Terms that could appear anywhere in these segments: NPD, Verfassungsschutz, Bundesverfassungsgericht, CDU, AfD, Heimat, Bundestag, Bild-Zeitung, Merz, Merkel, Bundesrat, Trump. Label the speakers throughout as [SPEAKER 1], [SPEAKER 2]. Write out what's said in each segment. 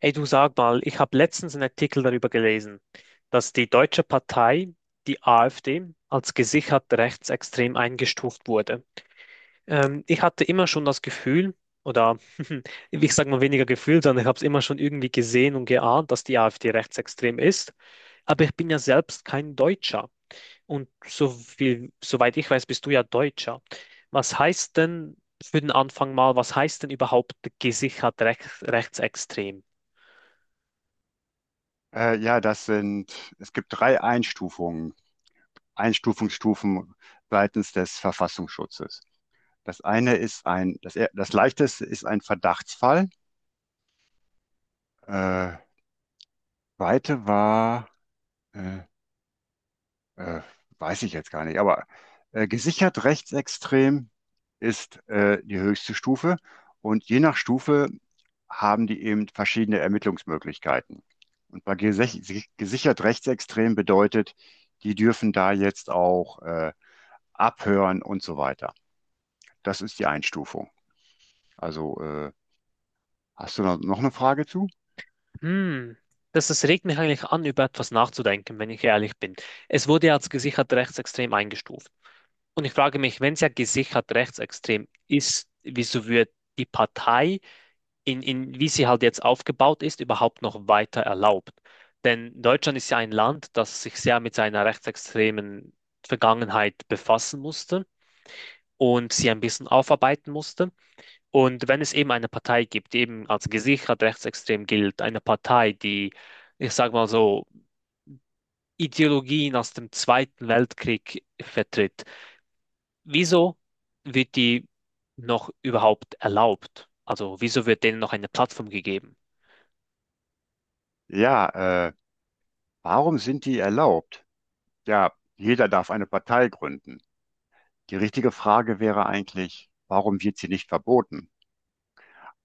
[SPEAKER 1] Ey, du, sag mal, ich habe letztens einen Artikel darüber gelesen, dass die deutsche Partei, die AfD, als gesichert rechtsextrem eingestuft wurde. Ich hatte immer schon das Gefühl, oder ich sage mal weniger Gefühl, sondern ich habe es immer schon irgendwie gesehen und geahnt, dass die AfD rechtsextrem ist. Aber ich bin ja selbst kein Deutscher. Und so viel, soweit ich weiß, bist du ja Deutscher. Was heißt denn für den Anfang mal, was heißt denn überhaupt gesichert rechtsextrem?
[SPEAKER 2] Äh, ja, das sind, Es gibt drei Einstufungen, Einstufungsstufen seitens des Verfassungsschutzes. Das eine ist das leichteste ist ein Verdachtsfall. Äh, Zweite war, äh, äh, weiß ich jetzt gar nicht, aber gesichert rechtsextrem ist die höchste Stufe. Und je nach Stufe haben die eben verschiedene Ermittlungsmöglichkeiten. Und bei gesichert rechtsextrem bedeutet, die dürfen da jetzt auch abhören und so weiter. Das ist die Einstufung. Also, äh, Hast du noch eine Frage zu?
[SPEAKER 1] Hm, das regt mich eigentlich an, über etwas nachzudenken, wenn ich ehrlich bin. Es wurde ja als gesichert rechtsextrem eingestuft. Und ich frage mich, wenn es ja gesichert rechtsextrem ist, wieso wird die Partei, wie sie halt jetzt aufgebaut ist, überhaupt noch weiter erlaubt? Denn Deutschland ist ja ein Land, das sich sehr mit seiner rechtsextremen Vergangenheit befassen musste und sie ein bisschen aufarbeiten musste. Und wenn es eben eine Partei gibt, die eben als gesichert rechtsextrem gilt, eine Partei, die, ich sage mal so, Ideologien aus dem Zweiten Weltkrieg vertritt, wieso wird die noch überhaupt erlaubt? Also wieso wird denen noch eine Plattform gegeben?
[SPEAKER 2] Ja, äh, Warum sind die erlaubt? Ja, jeder darf eine Partei gründen. Die richtige Frage wäre eigentlich, warum wird sie nicht verboten?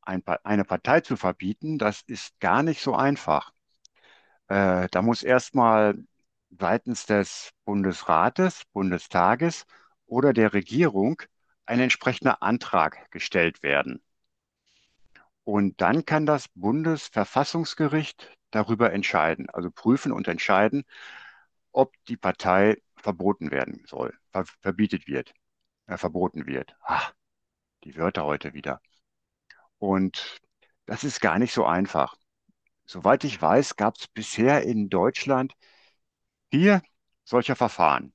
[SPEAKER 2] Eine Partei zu verbieten, das ist gar nicht so einfach. Da muss erstmal seitens des Bundesrates, Bundestages oder der Regierung ein entsprechender Antrag gestellt werden. Und dann kann das Bundesverfassungsgericht darüber entscheiden, also prüfen und entscheiden, ob die Partei verboten werden soll, verbietet wird, verboten wird. Ah, die Wörter heute wieder. Und das ist gar nicht so einfach. Soweit ich weiß, gab es bisher in Deutschland vier solcher Verfahren.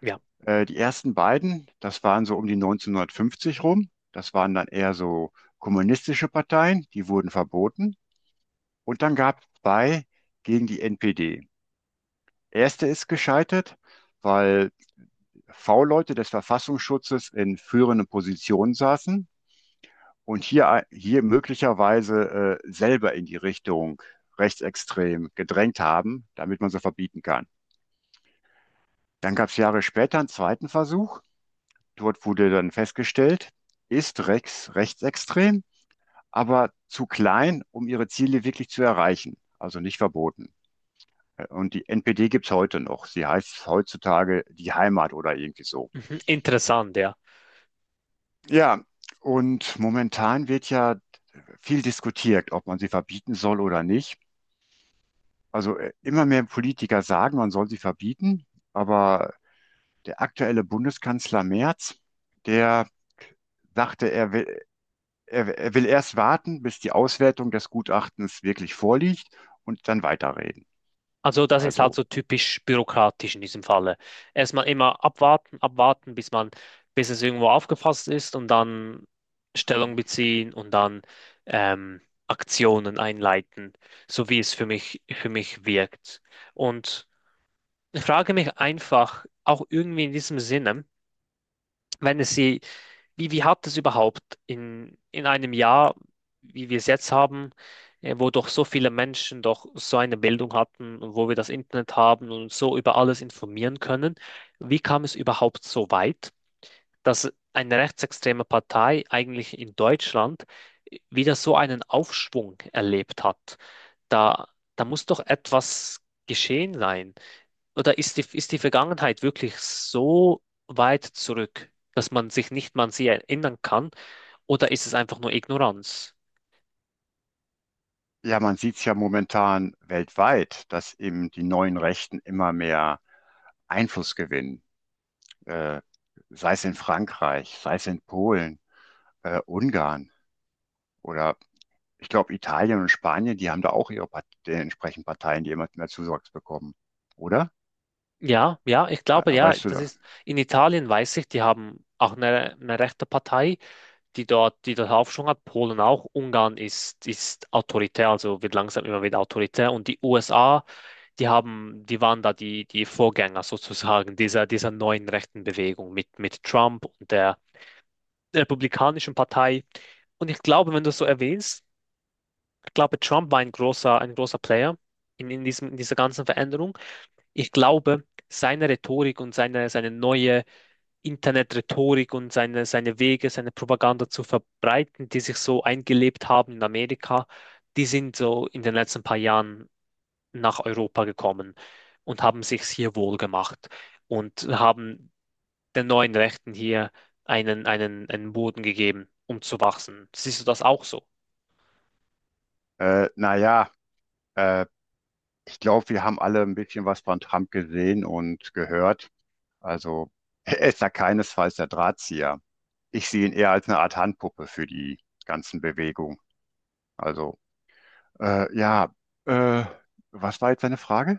[SPEAKER 1] Ja,
[SPEAKER 2] Die ersten beiden, das waren so um die 1950 rum. Das waren dann eher so kommunistische Parteien, die wurden verboten. Und dann gab es zwei gegen die NPD. Erste ist gescheitert, weil V-Leute des Verfassungsschutzes in führenden Positionen saßen und hier möglicherweise selber in die Richtung rechtsextrem gedrängt haben, damit man sie verbieten kann. Dann gab es Jahre später einen zweiten Versuch. Dort wurde dann festgestellt, ist Rex rechtsextrem, aber zu klein, um ihre Ziele wirklich zu erreichen, also nicht verboten. Und die NPD gibt's heute noch. Sie heißt heutzutage die Heimat oder irgendwie so.
[SPEAKER 1] mhm. Interessant, ja.
[SPEAKER 2] Ja, und momentan wird ja viel diskutiert, ob man sie verbieten soll oder nicht. Immer mehr Politiker sagen, man soll sie verbieten, aber der aktuelle Bundeskanzler Merz, der sagte, er will erst warten, bis die Auswertung des Gutachtens wirklich vorliegt und dann weiterreden.
[SPEAKER 1] Also das ist halt
[SPEAKER 2] Also
[SPEAKER 1] so typisch bürokratisch in diesem Falle. Erstmal immer abwarten, abwarten, bis man, bis es irgendwo aufgefasst ist und dann Stellung beziehen und dann ähm, Aktionen einleiten, so wie es für mich wirkt. Und ich frage mich einfach, auch irgendwie in diesem Sinne, wenn es sie wie, wie hat es überhaupt in einem Jahr, wie wir es jetzt haben, wo doch so viele Menschen doch so eine Bildung hatten und wo wir das Internet haben und uns so über alles informieren können, wie kam es überhaupt so weit, dass eine rechtsextreme Partei eigentlich in Deutschland wieder so einen Aufschwung erlebt hat? Da, da muss doch etwas geschehen sein oder ist ist die Vergangenheit wirklich so weit zurück, dass man sich nicht mal an sie erinnern kann? Oder ist es einfach nur Ignoranz?
[SPEAKER 2] ja, Man sieht es ja momentan weltweit, dass eben die neuen Rechten immer mehr Einfluss gewinnen, äh, sei es in Frankreich, sei es in Polen, Ungarn oder ich glaube Italien und Spanien, die haben da auch ihre Part die entsprechenden Parteien, die immer mehr Zuwachs bekommen, oder?
[SPEAKER 1] Ja, ja, ich glaube, ja,
[SPEAKER 2] Weißt du
[SPEAKER 1] das
[SPEAKER 2] da?
[SPEAKER 1] ist, in Italien weiß ich, die haben auch eine rechte Partei, die die dort Aufschwung hat, Polen auch, Ungarn ist, ist autoritär, also wird langsam immer wieder autoritär, und die USA, die haben, die waren da die Vorgänger sozusagen dieser neuen rechten Bewegung mit Trump und der Republikanischen Partei. Und ich glaube, wenn du es so erwähnst, ich glaube, Trump war ein großer Player in diesem, in dieser ganzen Veränderung. Ich glaube, seine Rhetorik und seine neue Internet-Rhetorik und seine Wege, seine Propaganda zu verbreiten, die sich so eingelebt haben in Amerika, die sind so in den letzten paar Jahren nach Europa gekommen und haben sich hier wohl gemacht und haben den neuen Rechten hier einen Boden gegeben, um zu wachsen. Siehst du das auch so?
[SPEAKER 2] Äh, naja, äh, Ich glaube, wir haben alle ein bisschen was von Trump gesehen und gehört. Also er ist da keinesfalls der Drahtzieher. Ich sehe ihn eher als eine Art Handpuppe für die ganzen Bewegungen. Also äh, ja, äh, Was war jetzt deine Frage?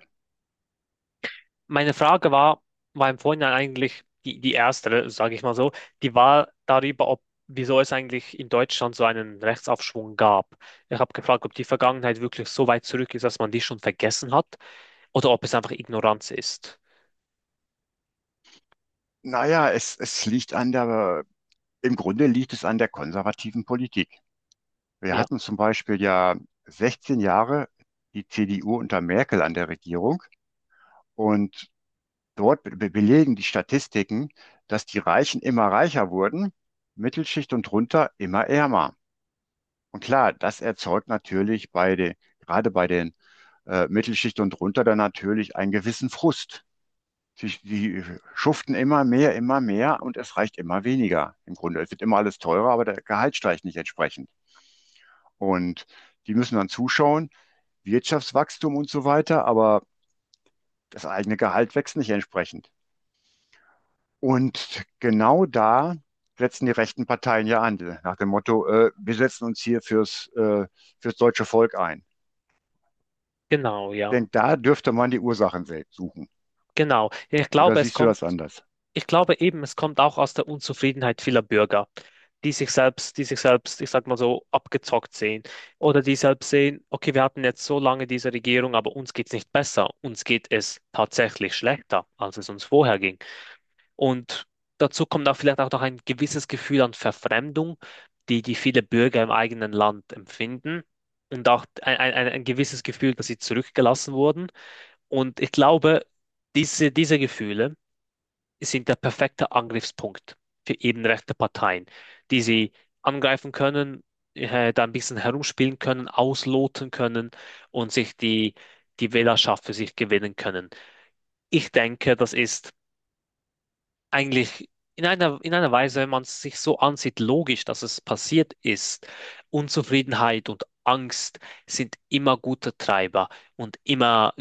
[SPEAKER 1] Meine Frage war, war im Vorhinein eigentlich die erste, sage ich mal so, die war darüber, ob, wieso es eigentlich in Deutschland so einen Rechtsaufschwung gab. Ich habe gefragt, ob die Vergangenheit wirklich so weit zurück ist, dass man die schon vergessen hat oder ob es einfach Ignoranz ist.
[SPEAKER 2] Es liegt an der, im Grunde liegt es an der konservativen Politik. Wir
[SPEAKER 1] Ja,
[SPEAKER 2] hatten zum Beispiel ja 16 Jahre die CDU unter Merkel an der Regierung und dort be belegen die Statistiken, dass die Reichen immer reicher wurden, Mittelschicht und drunter immer ärmer. Und klar, das erzeugt natürlich bei den, gerade bei den Mittelschicht und drunter dann natürlich einen gewissen Frust. Die schuften immer mehr und es reicht immer weniger im Grunde. Es wird immer alles teurer, aber der Gehalt steigt nicht entsprechend. Und die müssen dann zuschauen, Wirtschaftswachstum und so weiter, aber das eigene Gehalt wächst nicht entsprechend. Und genau da setzen die rechten Parteien ja an, nach dem Motto, wir setzen uns fürs deutsche Volk ein.
[SPEAKER 1] genau, ja.
[SPEAKER 2] Denn da dürfte man die Ursachen suchen.
[SPEAKER 1] Genau. Ja, ich
[SPEAKER 2] Oder
[SPEAKER 1] glaube, es
[SPEAKER 2] siehst du
[SPEAKER 1] kommt.
[SPEAKER 2] das anders?
[SPEAKER 1] Ich glaube eben, es kommt auch aus der Unzufriedenheit vieler Bürger, die sich selbst, ich sag mal so, abgezockt sehen. Oder die selbst sehen, okay, wir hatten jetzt so lange diese Regierung, aber uns geht's nicht besser. Uns geht es tatsächlich schlechter, als es uns vorher ging. Und dazu kommt auch vielleicht auch noch ein gewisses Gefühl an Verfremdung, die viele Bürger im eigenen Land empfinden. Und auch ein gewisses Gefühl, dass sie zurückgelassen wurden. Und ich glaube, diese Gefühle sind der perfekte Angriffspunkt für eben rechte Parteien, die sie angreifen können, da ein bisschen herumspielen können, ausloten können und sich die Wählerschaft für sich gewinnen können. Ich denke, das ist eigentlich in einer Weise, wenn man es sich so ansieht, logisch, dass es passiert ist. Unzufriedenheit und Angst sind immer gute Treiber und immer,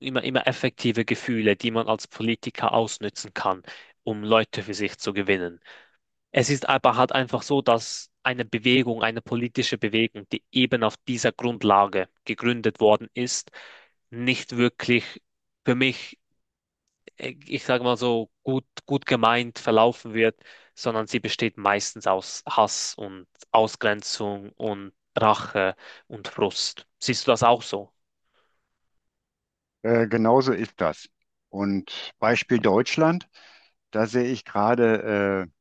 [SPEAKER 1] immer, immer effektive Gefühle, die man als Politiker ausnützen kann, um Leute für sich zu gewinnen. Es ist aber halt einfach so, dass eine politische Bewegung, die eben auf dieser Grundlage gegründet worden ist, nicht wirklich für mich ich sage mal so, gut gemeint verlaufen wird, sondern sie besteht meistens aus Hass und Ausgrenzung und Rache und Frust. Siehst du das auch so?
[SPEAKER 2] Genauso ist das. Und Beispiel Deutschland. Da sehe ich gerade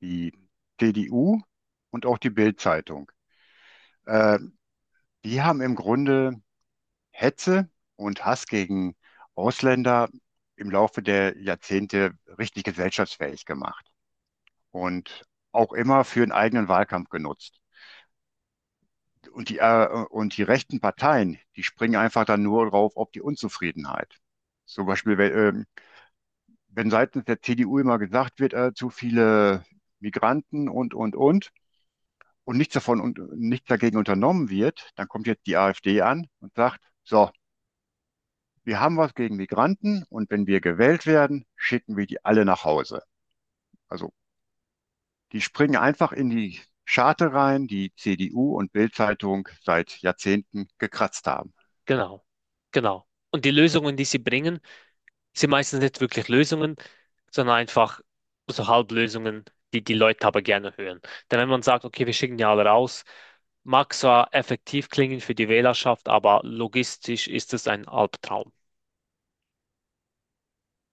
[SPEAKER 2] die CDU und auch die Bild-Zeitung. Äh, Die haben im Grunde Hetze und Hass gegen Ausländer im Laufe der Jahrzehnte richtig gesellschaftsfähig gemacht und auch immer für einen eigenen Wahlkampf genutzt. Und die rechten Parteien, die springen einfach dann nur drauf auf die Unzufriedenheit. Zum Beispiel, wenn seitens der CDU immer gesagt wird, zu viele Migranten und nichts davon und nichts dagegen unternommen wird, dann kommt jetzt die AfD an und sagt, so, wir haben was gegen Migranten und wenn wir gewählt werden, schicken wir die alle nach Hause. Also die springen einfach in die Scharte rein, die CDU und Bild-Zeitung seit Jahrzehnten gekratzt haben.
[SPEAKER 1] Genau, genau. Und die Lösungen, die sie bringen, sind meistens nicht wirklich Lösungen, sondern einfach so Halblösungen, die die Leute aber gerne hören. Denn wenn man sagt, okay, wir schicken die alle raus, mag zwar effektiv klingen für die Wählerschaft, aber logistisch ist es ein Albtraum.